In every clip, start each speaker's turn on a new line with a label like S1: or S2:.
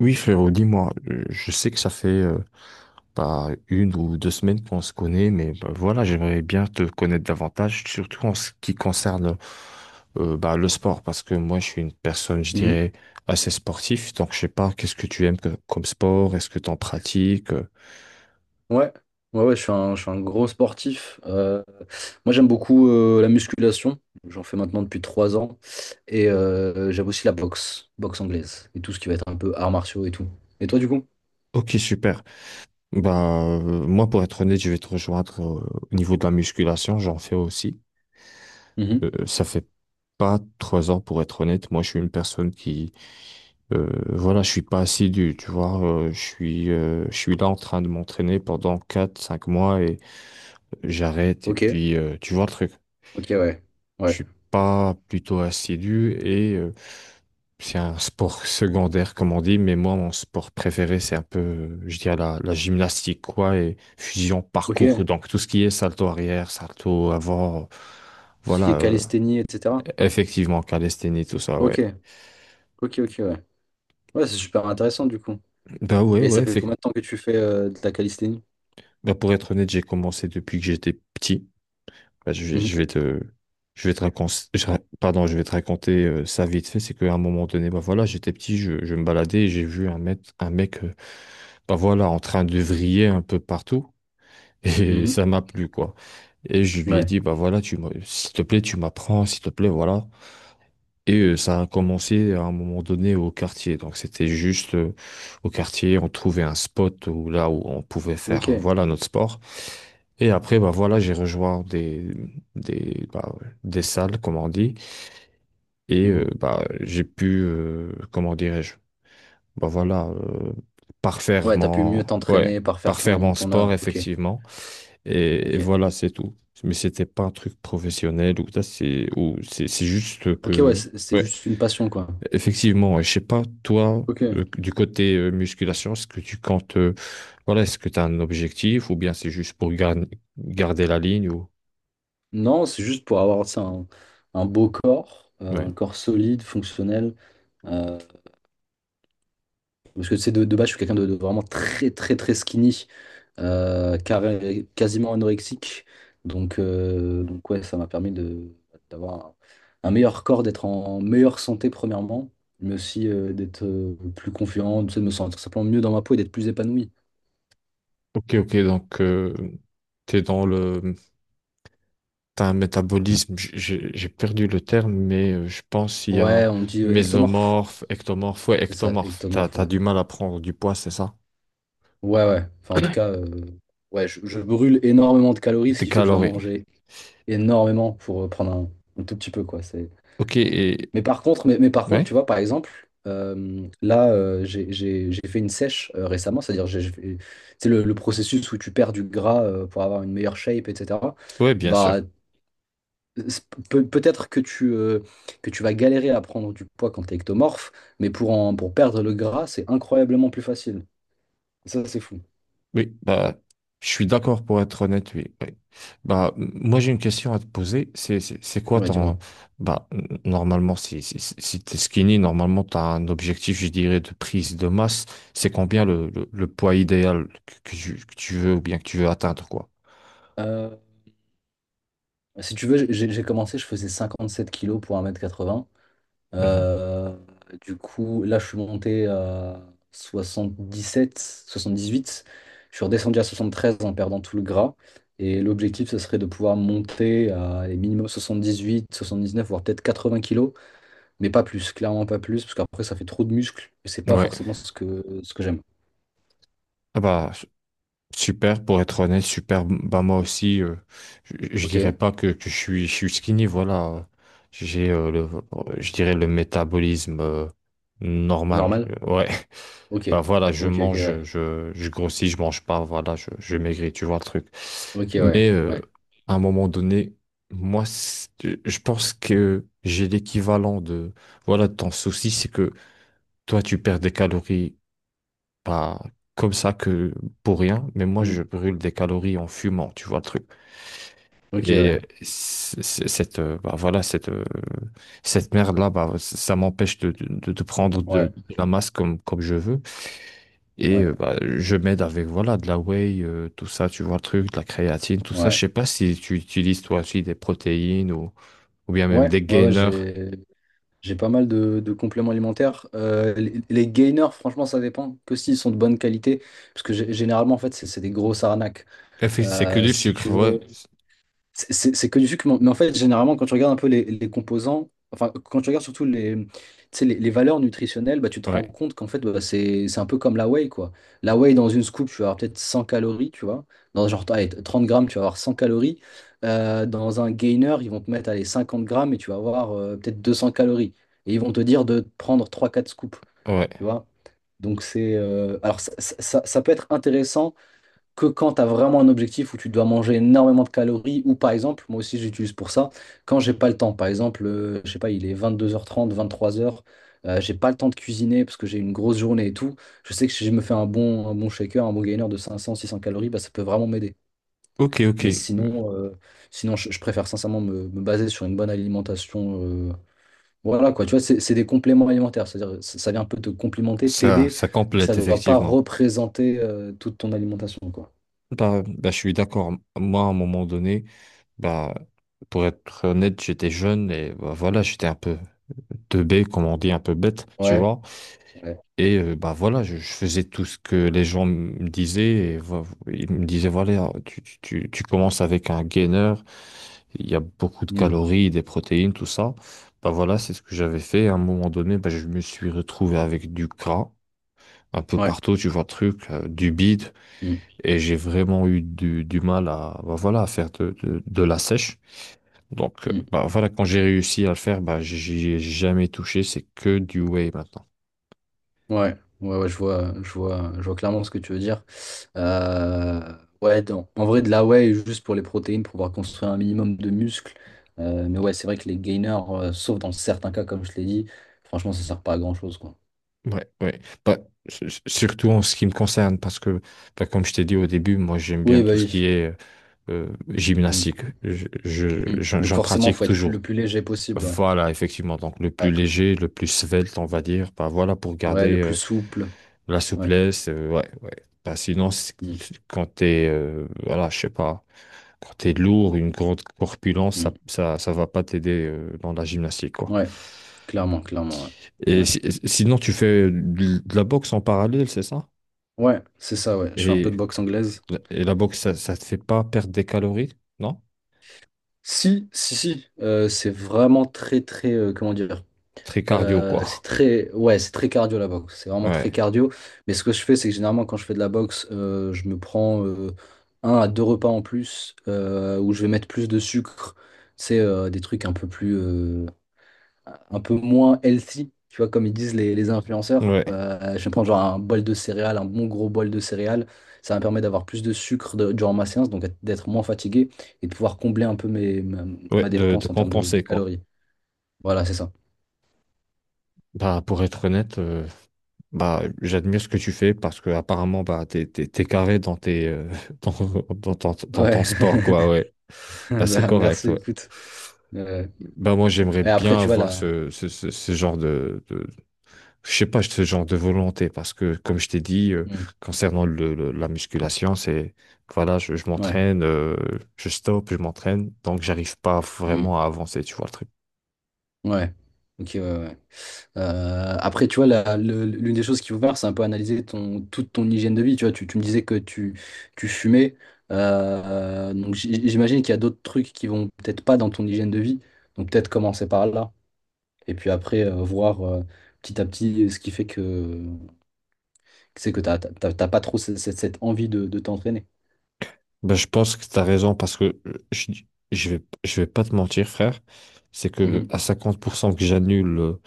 S1: Oui, frérot, dis-moi, je sais que ça fait bah, une ou 2 semaines qu'on se connaît, mais bah, voilà, j'aimerais bien te connaître davantage, surtout en ce qui concerne bah, le sport, parce que moi, je suis une personne, je
S2: Mhm.
S1: dirais, assez sportive. Donc je sais pas, qu'est-ce que tu aimes comme sport, est-ce que tu en pratiques?
S2: Ouais, ouais, ouais, je suis un gros sportif. Moi, j'aime beaucoup la musculation. J'en fais maintenant depuis 3 ans. Et j'aime aussi la boxe, boxe anglaise et tout ce qui va être un peu arts martiaux et tout. Et toi, du coup?
S1: Ok, super. Bah, moi, pour être honnête, je vais te rejoindre au niveau de la musculation, j'en fais aussi.
S2: Mhm.
S1: Ça fait pas 3 ans. Pour être honnête, moi, je suis une personne qui voilà, je suis pas assidu, tu vois. Je suis là en train de m'entraîner pendant 4 5 mois et j'arrête. Et
S2: Ok,
S1: puis, tu vois le truc.
S2: ok, ouais.
S1: Je
S2: Ouais,
S1: suis pas plutôt assidu et c'est un sport secondaire, comme on dit. Mais moi, mon sport préféré, c'est un peu, je dirais, la gymnastique, quoi, et fusion parcours.
S2: ok.
S1: Donc, tout ce qui est salto arrière, salto avant.
S2: Tout ce qui
S1: Voilà,
S2: est calisthénie, etc.
S1: effectivement, calisthénie, tout ça, ouais.
S2: Ok, ok, ok, ouais. Ouais, c'est super intéressant, du coup.
S1: Bah ouais,
S2: Et
S1: ouais,
S2: ça fait combien de temps que tu fais de la calisthénie?
S1: bah, pour être honnête, j'ai commencé depuis que j'étais petit. Bah,
S2: Mhm.
S1: je vais te raconter, pardon, je vais te raconter ça vite fait. C'est qu'à un moment donné, bah voilà, j'étais petit, je me baladais et j'ai vu un mec, bah voilà, en train de vriller un peu partout et
S2: Mhm.
S1: ça m'a plu quoi. Et je lui ai
S2: Ouais,
S1: dit, bah voilà, s'il te plaît, tu m'apprends, s'il te plaît, voilà. Et ça a commencé à un moment donné au quartier. Donc c'était juste au quartier, on trouvait un spot où, là où on pouvait faire
S2: ok.
S1: voilà notre sport. Et après, bah voilà, j'ai rejoint des, bah, des salles, comme on dit. Et
S2: Mhm.
S1: bah, j'ai pu, comment dirais-je, bah voilà, parfaire
S2: Ouais, t'as pu
S1: mon,
S2: mieux
S1: ouais,
S2: t'entraîner par faire
S1: parfaire
S2: ton,
S1: mon
S2: ton
S1: sport,
S2: art. Ok,
S1: effectivement. Et
S2: ok.
S1: voilà, c'est tout. Mais c'était pas un truc professionnel ou ça, c'est juste
S2: Ok, ouais,
S1: que,
S2: c'est
S1: ouais.
S2: juste une passion, quoi.
S1: Effectivement. Et je sais pas, toi,
S2: Ok.
S1: du côté musculation, est-ce que tu comptes, voilà, est-ce que tu as un objectif ou bien c'est juste pour garder la ligne ou...
S2: Non, c'est juste pour avoir, tu sais, un beau corps,
S1: Ouais.
S2: un corps solide, fonctionnel. euh, Parce que, tu sais, de base, je suis quelqu'un de vraiment très, très, très skinny, carré- quasiment anorexique. Donc ouais, ça m'a permis de, d'avoir un meilleur corps, d'être en meilleure santé, premièrement, mais aussi d'être plus confiant, tu sais, de me sentir simplement mieux dans ma peau et d'être plus épanoui.
S1: Ok, ok, donc t'es dans le... T'as un métabolisme, j'ai perdu le terme, mais je pense qu'il y
S2: Ouais,
S1: a
S2: on dit ectomorphe.
S1: mésomorphe, ectomorphe, ouais,
S2: C'est ça,
S1: ectomorphe. T'as,
S2: ectomorphe,
S1: t'as
S2: ouais.
S1: du mal à prendre du poids, c'est ça?
S2: Ouais, ouais. Enfin, en tout cas, ouais, je brûle énormément de calories, ce
S1: Des
S2: qui fait que je dois
S1: calories.
S2: manger énormément pour prendre un tout petit peu, quoi. C'est...
S1: Ok, et...
S2: Mais par contre,
S1: Ouais,
S2: tu vois, par exemple, là, euh, j'ai fait une sèche récemment, c'est-à-dire, j'ai fait- c'est le processus où tu perds du gras pour avoir une meilleure shape, etc.
S1: ouais, bien
S2: Bah,
S1: sûr.
S2: c'est- peut- peut-être que tu vas galérer à prendre du poids quand t'es ectomorphe, mais pour en, pour perdre le gras, c'est incroyablement plus facile. Ça, c'est fou.
S1: Oui, bah, je suis d'accord pour être honnête. Oui. Oui. Bah, moi, j'ai une question à te poser. C'est quoi
S2: Ouais, dis-moi.
S1: ton... Bah, normalement, si t'es skinny, normalement, t'as un objectif, je dirais, de prise de masse. C'est combien le poids idéal que tu veux ou bien que tu veux atteindre, quoi?
S2: Euh, Si tu veux, j'ai commencé, je faisais 57 kilos pour 1m80.
S1: Mhm.
S2: Euh, du coup, là, je suis monté à 77, 78. Je suis redescendu à 73 en perdant tout le gras. Et l'objectif, ce serait de pouvoir monter à les minimum dix neuf voire peut-être 80 kilos, mais pas plus, clairement pas plus, parce qu'après, ça fait trop de muscles et c'est pas
S1: Ouais.
S2: forcément ce que j'aime.
S1: Ah bah, super, pour être honnête, super. Bah moi aussi, je
S2: Ok,
S1: dirais pas que je suis skinny, voilà. J'ai, euh, le, je dirais le métabolisme normal.
S2: normal?
S1: Ouais,
S2: Ok,
S1: bah voilà, je
S2: ok, ok,
S1: mange,
S2: ouais.
S1: je grossis, je mange pas, voilà, je maigris, tu vois le truc.
S2: Ok, ouais,
S1: Mais
S2: ouais.
S1: à un moment donné, moi, je pense que j'ai l'équivalent de, voilà, de ton souci. C'est que toi, tu perds des calories pas comme ça que pour rien, mais moi
S2: Hmm.
S1: je brûle des calories en fumant, tu vois le truc.
S2: Ok,
S1: Et
S2: ouais,
S1: cette bah, voilà cette merde là, bah, ça m'empêche de prendre
S2: ouais,
S1: de la masse comme je veux. Et
S2: ouais,
S1: bah, je m'aide avec voilà de la whey, tout ça, tu vois le truc, de la créatine, tout ça. Je
S2: ouais.
S1: sais pas si tu utilises toi aussi des protéines ou bien même
S2: Ouais,
S1: des
S2: ouais, ouais,
S1: gainers.
S2: j'ai pas mal de compléments alimentaires. Les gainers, franchement, ça dépend que s'ils sont de bonne qualité, parce que gé- généralement, en fait, c'est des grosses arnaques.
S1: Effectivement, c'est que
S2: Euh,
S1: du
S2: si tu
S1: sucre, ouais,
S2: veux, c'est que du sucre, mais en fait, généralement, quand tu regardes un peu les composants, enfin, quand tu regardes surtout les, tu sais, les valeurs nutritionnelles, bah, tu te rends
S1: ouais,
S2: compte qu'en fait, bah, c'est un peu comme la whey, quoi. La whey, dans une scoop, tu vas avoir peut-être 100 calories, tu vois. Dans genre, allez, 30 grammes, tu vas avoir 100 calories. Dans un gainer, ils vont te mettre, allez, 50 grammes et tu vas avoir peut-être 200 calories. Et ils vont te dire de prendre trois quatre scoops, tu
S1: ouais.
S2: vois. Donc alors, ça peut être intéressant que quand tu as vraiment un objectif où tu dois manger énormément de calories, ou par exemple, moi aussi j'utilise pour ça, quand j'ai pas le temps, par exemple, je sais pas, il est 22:30, 23:00, j'ai pas le temps de cuisiner parce que j'ai une grosse journée et tout, je sais que si je me fais un bon shaker, un bon gainer de 500 600 calories, bah, ça peut vraiment m'aider.
S1: Ok, ok,
S2: Mais sinon je préfère sincèrement me, me baser sur une bonne alimentation. euh, voilà quoi, tu vois, c'est des compléments alimentaires, c'est-à-dire ça, ça vient un peu te complimenter,
S1: ça
S2: t'aider,
S1: ça
S2: mais
S1: complète
S2: ça ne doit pas
S1: effectivement.
S2: représenter toute ton alimentation, quoi.
S1: Bah, je suis d'accord. Moi, à un moment donné, bah, pour être honnête, j'étais jeune et bah, voilà, j'étais un peu teubé, comme on dit, un peu bête, tu
S2: Ouais.
S1: vois. Et bah voilà, je faisais tout ce que les gens me disaient. Et, ils me disaient, voilà, tu commences avec un gainer, il y a beaucoup de
S2: Mm.
S1: calories, des protéines, tout ça. Bah voilà, c'est ce que j'avais fait. À un moment donné, bah, je me suis retrouvé avec du gras un peu
S2: Ouais.
S1: partout, tu vois, le truc, du bide.
S2: Mm.
S1: Et j'ai vraiment eu du mal à, bah voilà, à faire de la sèche. Donc,
S2: Mm.
S1: bah voilà, quand j'ai réussi à le faire, bah, j'y ai jamais touché. C'est que du whey maintenant.
S2: Ouais. Ouais, ouais, je vois, je vois, je vois clairement ce que tu veux dire. Euh, ouais, dans- en vrai, de la whey, juste pour les protéines, pour pouvoir construire un minimum de muscles. Mais ouais, c'est vrai que les gainers, sauf dans certains cas, comme je l'ai dit, franchement, ça sert pas à grand-chose, quoi.
S1: Ouais, ouais. Bah, surtout en ce qui me concerne, parce que, bah, comme je t'ai dit au début, moi, j'aime bien
S2: Oui, bah
S1: tout ce qui
S2: oui.
S1: est
S2: Mm.
S1: gymnastique.
S2: Mm.
S1: J'en
S2: Donc
S1: j'en
S2: forcément,
S1: pratique
S2: faut être plus- le
S1: toujours.
S2: plus léger possible, ouais.
S1: Voilà, effectivement. Donc, le plus
S2: Ouais,
S1: léger, le plus svelte, on va dire. Bah, voilà, pour
S2: ouais,
S1: garder
S2: le plus souple.
S1: la
S2: Ouais.
S1: souplesse. Ouais, ouais. Bah, sinon,
S2: Mm.
S1: quand t'es, voilà, je sais pas. Quand t'es lourd, une grande corpulence,
S2: Mm.
S1: ça va pas t'aider dans la gymnastique, quoi.
S2: Ouais, clairement, clairement, ouais.
S1: Et
S2: Ouais,
S1: sinon, tu fais de la boxe en parallèle, c'est ça?
S2: ouais, c'est ça, ouais. Je fais un peu
S1: Et,
S2: de boxe anglaise.
S1: et la boxe, ça te fait pas perdre des calories, non?
S2: Si, si, si, c'est vraiment très, très, comment dire,
S1: Très cardio, quoi.
S2: c'est très, ouais, c'est très cardio la boxe, c'est vraiment très
S1: Ouais,
S2: cardio, mais ce que je fais, c'est que généralement quand je fais de la boxe, je me prends un à deux repas en plus, où je vais mettre plus de sucre, c'est des trucs un peu plus, un peu moins healthy, tu vois, comme ils disent les influenceurs.
S1: ouais,
S2: Je vais prendre genre un bol de céréales, un bon gros bol de céréales. Ça me permet d'avoir plus de sucre de- durant ma séance, donc d'être moins fatigué et de pouvoir combler un peu mes, ma,
S1: ouais,
S2: ma
S1: de
S2: dépense en termes de
S1: compenser, quoi.
S2: calories. Voilà, c'est ça.
S1: Bah, pour être honnête, bah, j'admire ce que tu fais parce que apparemment, bah, t'es carré dans dans, dans ton
S2: Ouais.
S1: sport, quoi, ouais. Bah, c'est
S2: Bah,
S1: correct,
S2: merci,
S1: ouais.
S2: écoute. Euh,
S1: Bah moi j'aimerais
S2: et après,
S1: bien
S2: tu vois,
S1: avoir
S2: là.
S1: ce genre de je sais pas ce genre de volonté, parce que comme je t'ai dit concernant la musculation, c'est voilà, je
S2: Ouais.
S1: m'entraîne, je stoppe, je m'entraîne, donc j'arrive pas
S2: Hmm.
S1: vraiment à avancer, tu vois le truc.
S2: Ouais. Ok, ouais, ouais. Après, tu vois, la- le- l'une des choses qu'il faut faire, c'est un peu analyser ton, toute ton hygiène de vie. Tu vois, tu me disais que tu fumais. Donc, j- j'imagine qu'il y a d'autres trucs qui vont peut-être pas dans ton hygiène de vie. Donc, peut-être commencer par là. Et puis après, voir petit à petit ce qui fait que c'est que t'as, t'as, t'as- t'as pas trop cette, cette- cette envie de t'entraîner.
S1: Bah je pense que t'as raison, parce que je vais pas te mentir, frère. C'est que
S2: Mhm.
S1: à 50% que j'annule,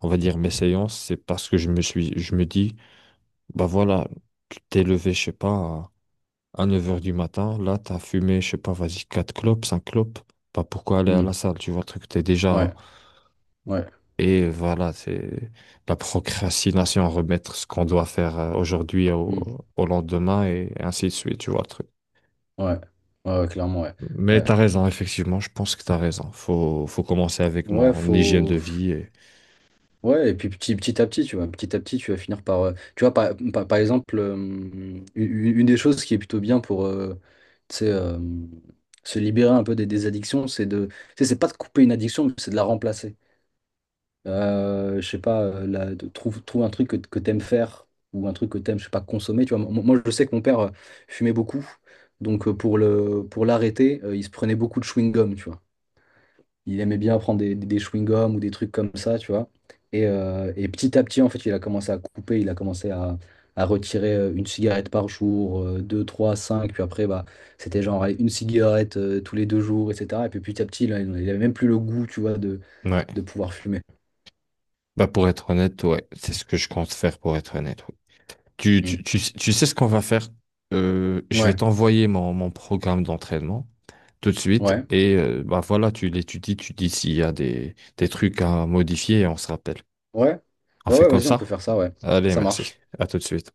S1: on va dire, mes séances, c'est parce que je me dis bah voilà, tu t'es levé, je sais pas, à 9 heures du matin, là, t'as fumé, je sais pas, vas-y, 4 clopes, 5 clopes. Bah, pourquoi aller à la
S2: Mhm.
S1: salle? Tu vois, le truc, t'es
S2: Ouais,
S1: déjà.
S2: ouais,
S1: Et voilà, c'est la procrastination, remettre ce qu'on doit faire aujourd'hui au,
S2: Mhm.
S1: lendemain et ainsi de suite, tu vois, le truc.
S2: ouais, ouais, ouais, clairement, ouais.
S1: Mais
S2: Ouais,
S1: t'as raison, effectivement, je pense que t'as raison. Faut commencer avec
S2: ouais,
S1: mon hygiène de
S2: faut.
S1: vie.
S2: Ouais, et puis petit, petit à petit, tu vois, petit à petit, tu vas finir par, tu vois, par, par, par exemple, une des choses qui est plutôt bien pour, tu sais, se libérer un peu des addictions, c'est de, tu sais, c'est pas de couper une addiction, mais c'est de la remplacer. Je sais pas, la- de, trouve, trouve un truc que t'aimes faire ou un truc que t'aimes, je sais pas, consommer. Tu vois, moi, moi, je sais que mon père fumait beaucoup, donc pour le, pour l'arrêter, il se prenait beaucoup de chewing-gum, tu vois. Il aimait bien prendre des chewing-gums ou des trucs comme ça, tu vois. Et petit à petit, en fait, il a commencé à couper, il a commencé à retirer une cigarette par jour, deux, trois, cinq. Puis après, bah, c'était genre allez, une cigarette tous les deux jours, etc. Et puis petit à petit, là, il n'avait même plus le goût, tu vois,
S1: Ouais.
S2: de pouvoir fumer.
S1: Bah, pour être honnête, ouais, c'est ce que je compte faire, pour être honnête. Ouais. Tu,
S2: Mm.
S1: tu, tu, tu sais ce qu'on va faire? Je vais
S2: Ouais,
S1: t'envoyer mon programme d'entraînement tout de suite.
S2: ouais,
S1: Et bah voilà, tu l'étudies, tu dis s'il y a des trucs à modifier et on se rappelle.
S2: ouais.
S1: On
S2: Ouais,
S1: fait
S2: ouais,
S1: comme
S2: vas-y, on peut
S1: ça?
S2: faire ça, ouais.
S1: Allez,
S2: Ça
S1: merci.
S2: marche.
S1: À tout de suite.